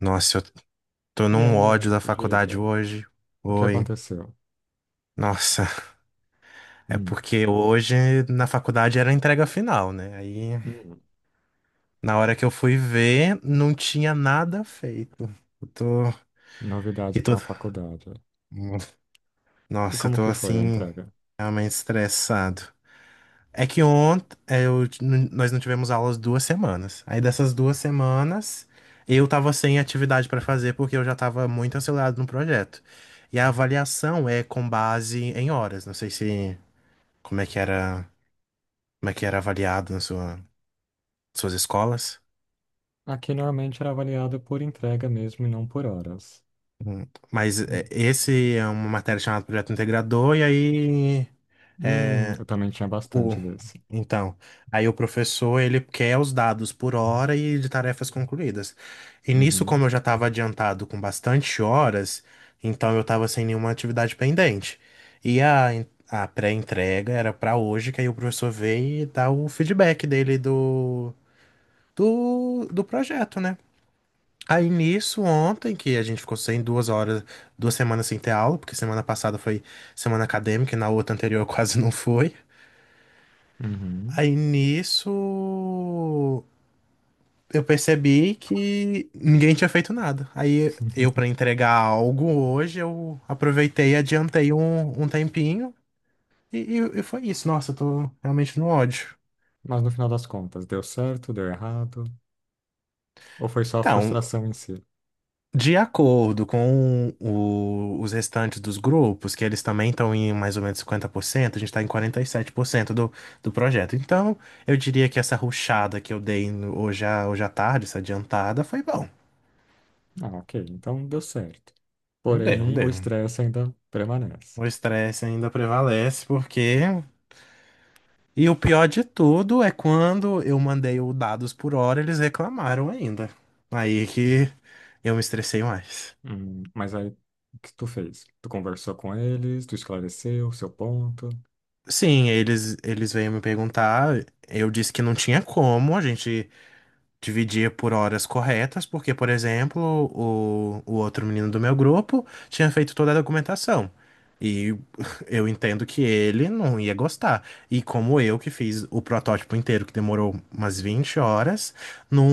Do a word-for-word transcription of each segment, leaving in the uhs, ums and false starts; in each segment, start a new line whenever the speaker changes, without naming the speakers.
Nossa, eu tô
E
num
aí,
ódio da
Anto,
faculdade
diga,
hoje.
o que
Oi.
aconteceu?
Nossa, é
Hum,
porque hoje na faculdade era a entrega final, né? Aí
hum,
na hora que eu fui ver, não tinha nada feito. Eu tô.
novidade
E
para
tô...
uma faculdade. E
Nossa, eu
como
tô
que foi a
assim,
entrega?
realmente estressado. É que ontem eu, t- n- nós não tivemos aulas duas semanas. Aí dessas duas semanas eu tava sem atividade para fazer porque eu já tava muito acelerado no projeto. E a avaliação é com base em horas. Não sei se como é que era, como é que era avaliado nas sua- suas escolas.
Aqui normalmente era avaliado por entrega mesmo e não por horas.
Hum. Mas é,
Hum,
esse é uma matéria chamada Projeto Integrador, e aí
hum, eu também tinha
o,
bastante desse.
então, aí o professor, ele quer os dados por hora e de tarefas concluídas. E nisso,
Uhum,
como eu já estava adiantado com bastante horas, então eu estava sem nenhuma atividade pendente. E a, en- a pré-entrega era para hoje, que aí o professor veio e dá o feedback dele do, do, do projeto, né? Aí nisso, ontem, que a gente ficou sem duas horas, duas semanas sem ter aula, porque semana passada foi semana acadêmica e na outra anterior quase não foi.
uhum.
Aí nisso, eu percebi que ninguém tinha feito nada. Aí eu, pra entregar algo hoje, eu aproveitei, adiantei um, um tempinho e, e- e foi isso. Nossa, eu tô realmente no ódio.
Mas no final das contas, deu certo, deu errado? Ou foi só a
Então,
frustração em si?
de acordo com o- os restantes dos grupos, que eles também estão em mais ou menos cinquenta por cento, a gente está em quarenta e sete por cento do, do projeto. Então, eu diria que essa rushada que eu dei no- hoje à, hoje à tarde, essa adiantada, foi bom.
Ah, ok, então deu certo.
Deu,
Porém, o
deu.
estresse ainda permanece.
O estresse ainda prevalece porque e o pior de tudo é quando eu mandei o dados por hora, eles reclamaram ainda. Aí é que eu me estressei mais.
Hum, mas aí, o que tu fez? Tu conversou com eles, tu esclareceu o seu ponto?
Sim, eles eles veio me perguntar, eu disse que não tinha como, a gente dividia por horas corretas, porque, por exemplo, o, o outro menino do meu grupo tinha feito toda a documentação. E eu entendo que ele não ia gostar. E como eu que fiz o protótipo inteiro, que demorou umas vinte horas, não,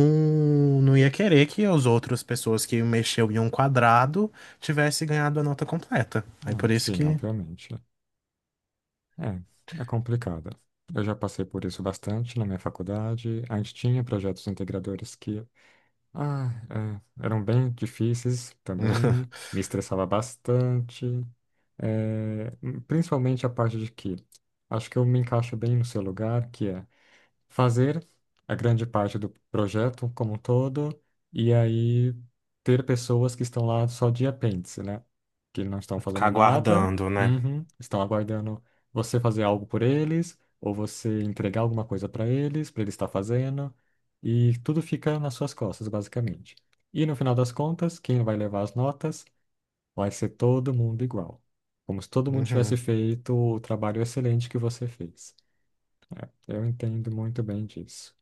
não ia querer que as outras pessoas que mexeu em um quadrado tivesse ganhado a nota completa. Aí
Hum,
por isso
sim,
que
obviamente. É, é complicado. Eu já passei por isso bastante na minha faculdade. A gente tinha projetos integradores que, ah, é, eram bem difíceis também, me estressava bastante, é, principalmente a parte de que acho que eu me encaixo bem no seu lugar, que é fazer a grande parte do projeto como um todo e aí ter pessoas que estão lá só de apêndice, né? Que não estão
ficar
fazendo nada,
aguardando, né?
uhum, estão aguardando você fazer algo por eles ou você entregar alguma coisa para eles, para eles estar fazendo e tudo fica nas suas costas, basicamente. E no final das contas, quem vai levar as notas vai ser todo mundo igual. Como se todo mundo tivesse
Uhum.
feito o trabalho excelente que você fez. Eu entendo muito bem disso.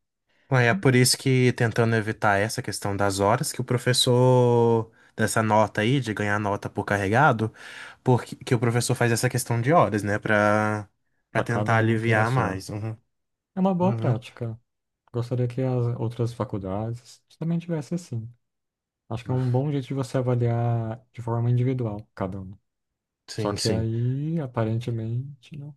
Ué, é por isso que tentando evitar essa questão das horas, que o professor dessa nota aí, de ganhar nota por carregado, porque que o professor faz essa questão de horas, né? Pra, pra
Para
tentar
cada um ter a
aliviar
sua.
mais. Uhum,
É uma boa
uhum.
prática. Gostaria que as outras faculdades também tivesse assim. Acho que é um bom jeito de você avaliar de forma individual cada um. Só
Sim,
que
sim.
aí, aparentemente, não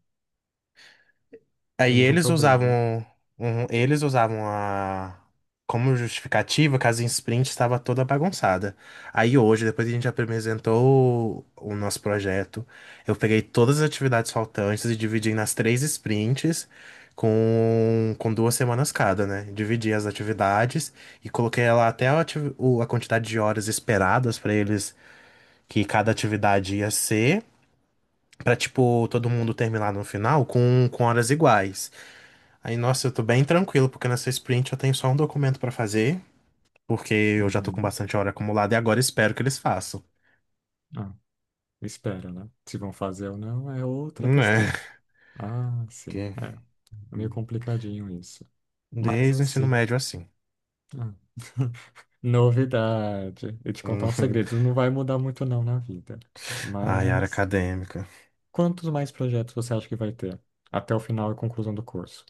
Aí
temos um
eles
problema.
usavam, um- Eles usavam a como justificativa que a Zin Sprint estava toda bagunçada. Aí hoje, depois que a gente apresentou o, o nosso projeto, eu peguei todas as atividades faltantes e dividi nas três sprints com, com duas semanas cada, né? Dividi as atividades e coloquei lá até a, ati- o- a quantidade de horas esperadas para eles que cada atividade ia ser, para tipo todo mundo terminar no final com, com horas iguais. Aí, nossa, eu tô bem tranquilo, porque nessa sprint eu tenho só um documento pra fazer, porque eu já tô com
Uhum.
bastante hora acumulada e agora espero que eles façam.
Ah, espera, né? Se vão fazer ou não é outra
Né?
questão. Ah, sim.
Porque
É. É meio complicadinho isso. Mas em
desde o ensino
si.
médio assim.
Ah, novidade. E te contar um segredo. Não vai mudar muito não na vida.
Ai, área
Mas.
acadêmica.
Quantos mais projetos você acha que vai ter até o final e conclusão do curso?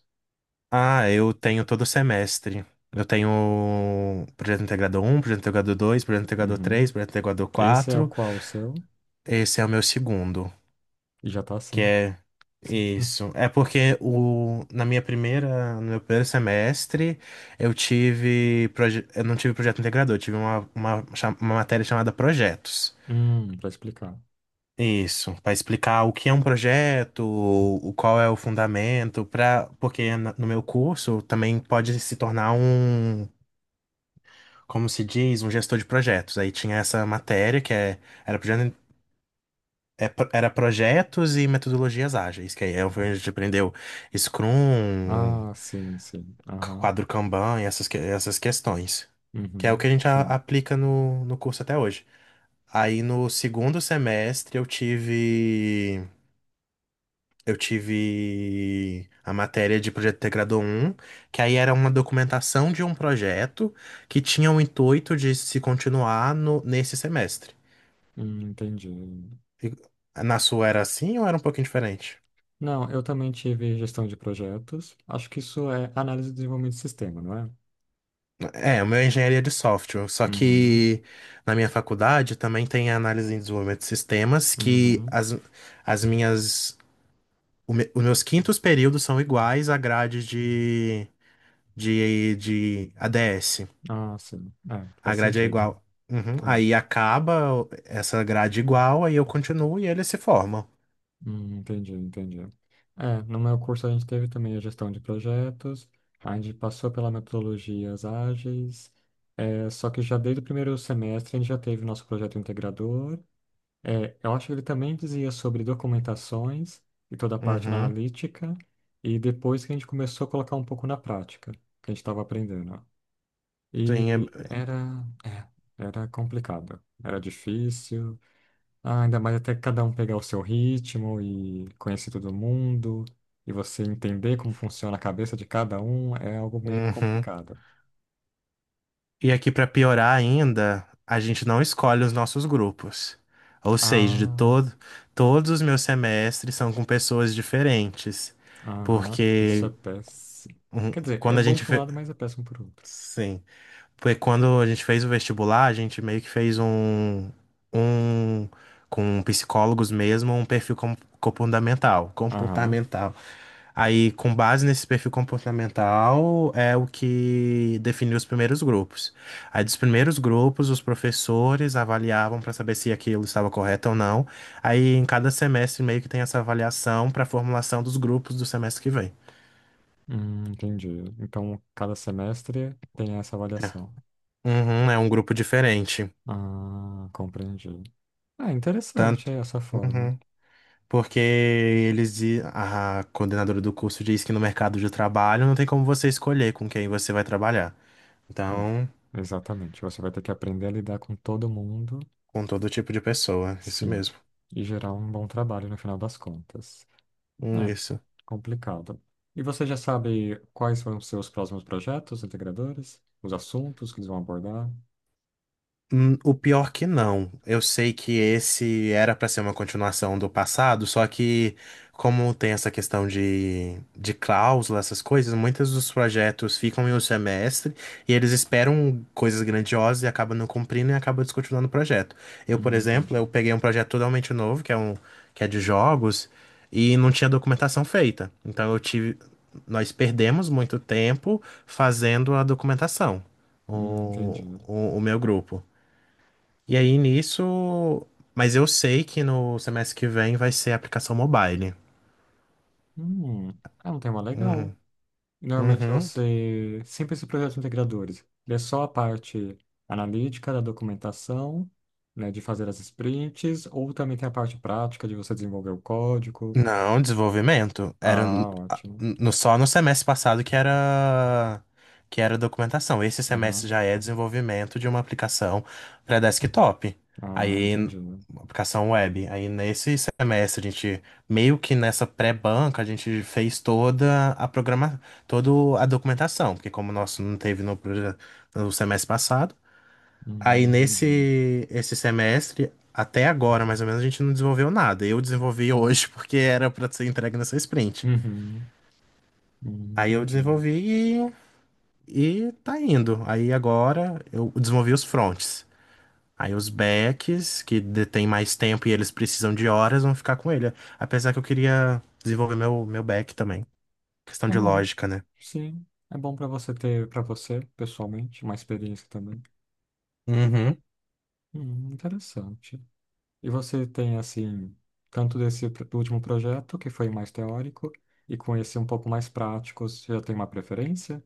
Ah, eu tenho todo semestre. Eu tenho projeto integrador um, projeto integrador dois, projeto integrador
Uhum.
três, projeto integrador
Esse é o
quatro.
qual o seu?
Esse é o meu segundo.
E já tá
Que
assim.
é isso. É porque o, na minha primeira, no meu primeiro semestre, eu tive, proje- eu não tive projeto integrador, eu tive uma, uma, cha- uma matéria chamada projetos.
Hum, pra explicar.
Isso, para explicar o que é um projeto, o qual é o fundamento, para porque na- no meu curso também pode se tornar um, como se diz, um gestor de projetos. Aí tinha essa matéria que é, era projeto É pro- era projetos e metodologias ágeis, que aí é onde a gente aprendeu Scrum,
Ah, sim, sim. Aham.
quadro Kanban e essas, que- essas questões. Que é o
Uhum.
que a gente a-
Sim.
aplica no, no curso até hoje. Aí no segundo semestre eu tive. Eu tive a matéria de projeto integrado um que aí era uma documentação de um projeto que tinha o intuito de se continuar no, nesse semestre.
Hum, entendi.
E- Na sua era assim ou era um pouquinho diferente?
Não, eu também tive gestão de projetos. Acho que isso é análise de desenvolvimento de sistema, não é?
É, o meu é engenharia de software, só
Uhum.
que na minha faculdade também tem análise em desenvolvimento de sistemas, que
Uhum.
as, as minhas, o me- os meus quintos períodos são iguais à grade de, de, de A D S.
Ah, sim. É,
A
faz
grade é
sentido.
igual. Uhum.
É.
Aí acaba essa grade igual, aí eu continuo e eles se formam.
Hum, entendi, entendi. É, no meu curso a gente teve também a gestão de projetos, a gente passou pela metodologias ágeis, é, só que já desde o primeiro semestre a gente já teve o nosso projeto integrador. É, eu acho que ele também dizia sobre documentações e toda a parte
Uhum.
analítica, e depois que a gente começou a colocar um pouco na prática, que a gente estava aprendendo.
Sim,
E
é-
era, é, era complicado, era difícil, ah, ainda mais até cada um pegar o seu ritmo e conhecer todo mundo, e você entender como funciona a cabeça de cada um, é algo meio
uhum.
complicado.
E aqui pra piorar ainda, a gente não escolhe os nossos grupos. Ou seja, de
Ah,
todo, todos os meus semestres são com pessoas diferentes,
aham, isso é
porque
péssimo.
um,
Quer dizer, é
quando a
bom
gente
por um
fe...
lado, mas é péssimo por outro.
sim, porque quando a gente fez o vestibular, a gente meio que fez um um com psicólogos mesmo, um perfil com- comportamental,
Aham,
comportamental. Aí, com base nesse perfil comportamental, é o que definiu os primeiros grupos. Aí, dos primeiros grupos, os professores avaliavam para saber se aquilo estava correto ou não. Aí, em cada semestre, meio que tem essa avaliação para a formulação dos grupos do semestre que vem.
hum, entendi. Então, cada semestre tem essa
É.
avaliação.
Uhum, é um grupo diferente.
Ah, compreendi. Ah, interessante
Tanto.
é essa forma.
Uhum. Porque eles, di- a coordenadora do curso diz que no mercado de trabalho não tem como você escolher com quem você vai trabalhar. Então,
É, exatamente. Você vai ter que aprender a lidar com todo mundo.
com todo tipo de pessoa, isso
Sim,
mesmo.
e gerar um bom trabalho no final das contas. É,
Isso.
complicado. E você já sabe quais são os seus próximos projetos integradores? Os assuntos que eles vão abordar?
Hum, o pior que não. Eu sei que esse era pra ser uma continuação do passado, só que como tem essa questão de, de cláusula, essas coisas, muitos dos projetos ficam em um semestre e eles esperam coisas grandiosas e acabam não cumprindo e acabam descontinuando o projeto. Eu,
Hum,
por exemplo,
entendi.
eu peguei um projeto totalmente novo, que é um que é de jogos, e não tinha documentação feita. Então eu tive, nós perdemos muito tempo fazendo a documentação.
Hum, entendi.
O, o, o meu grupo. E aí nisso. Mas eu sei que no semestre que vem vai ser aplicação mobile.
Hum, é um tema legal.
Uhum.
Normalmente
Uhum.
você... Sempre esses projetos integradores. Ele é só a parte analítica da documentação, né, de fazer as sprints, ou também tem a parte prática de você desenvolver o código?
Não, desenvolvimento. Era n-
Ah,
a-
ótimo.
no, Só no semestre passado que era que era documentação. Esse semestre
Aham.
já é desenvolvimento de uma aplicação para desktop.
Ah,
Aí,
entendi.
uma aplicação web. Aí nesse semestre a gente meio que nessa pré-banca a gente fez toda a programa, toda a documentação, porque como o nosso não teve no, proje- no semestre passado,
Hum,
aí
entendi.
nesse esse semestre, até agora, mais ou menos, a gente não desenvolveu nada. Eu desenvolvi hoje porque era pra ser entregue nessa sprint.
Uhum, hum,
Aí eu
entendi.
desenvolvi e, e tá indo. Aí agora eu desenvolvi os fronts. Aí os backs, que detêm mais tempo e eles precisam de horas, vão ficar com ele. Apesar que eu queria desenvolver meu, meu back também. Questão
É
de
bom,
lógica, né?
sim. É bom para você ter, para você, pessoalmente, uma experiência também.
Uhum.
Hum, interessante. E você tem, assim, tanto desse pr- último projeto, que foi mais teórico, e com esse um pouco mais prático, você já tem uma preferência?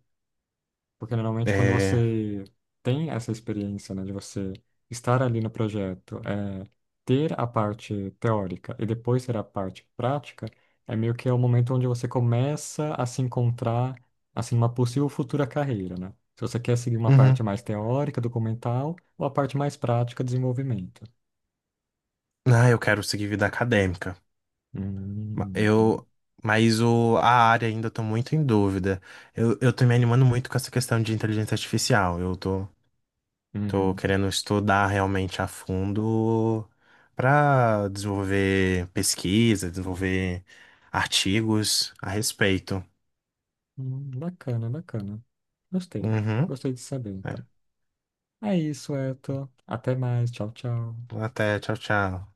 Porque normalmente quando
É...
você tem essa experiência, né, de você estar ali no projeto, é, ter a parte teórica e depois ter a parte prática, é meio que é o momento onde você começa a se encontrar, assim, uma possível futura carreira, né? Se você quer seguir uma parte
Uhum.
mais teórica, documental, ou a parte mais prática, desenvolvimento.
Ah, eu quero seguir vida acadêmica. Ma-
Hum, entendi.
Eu, mas o, a área ainda eu tô muito em dúvida. Eu, eu tô me animando muito com essa questão de inteligência artificial. Eu tô, tô
Uhum.
querendo estudar realmente a fundo para desenvolver pesquisa, desenvolver artigos a respeito.
Hum, bacana, bacana. Gostei.
Uhum.
Gostei de saber,
É.
então. É isso, Eto. Até mais. Tchau, tchau.
Até, tchau, tchau.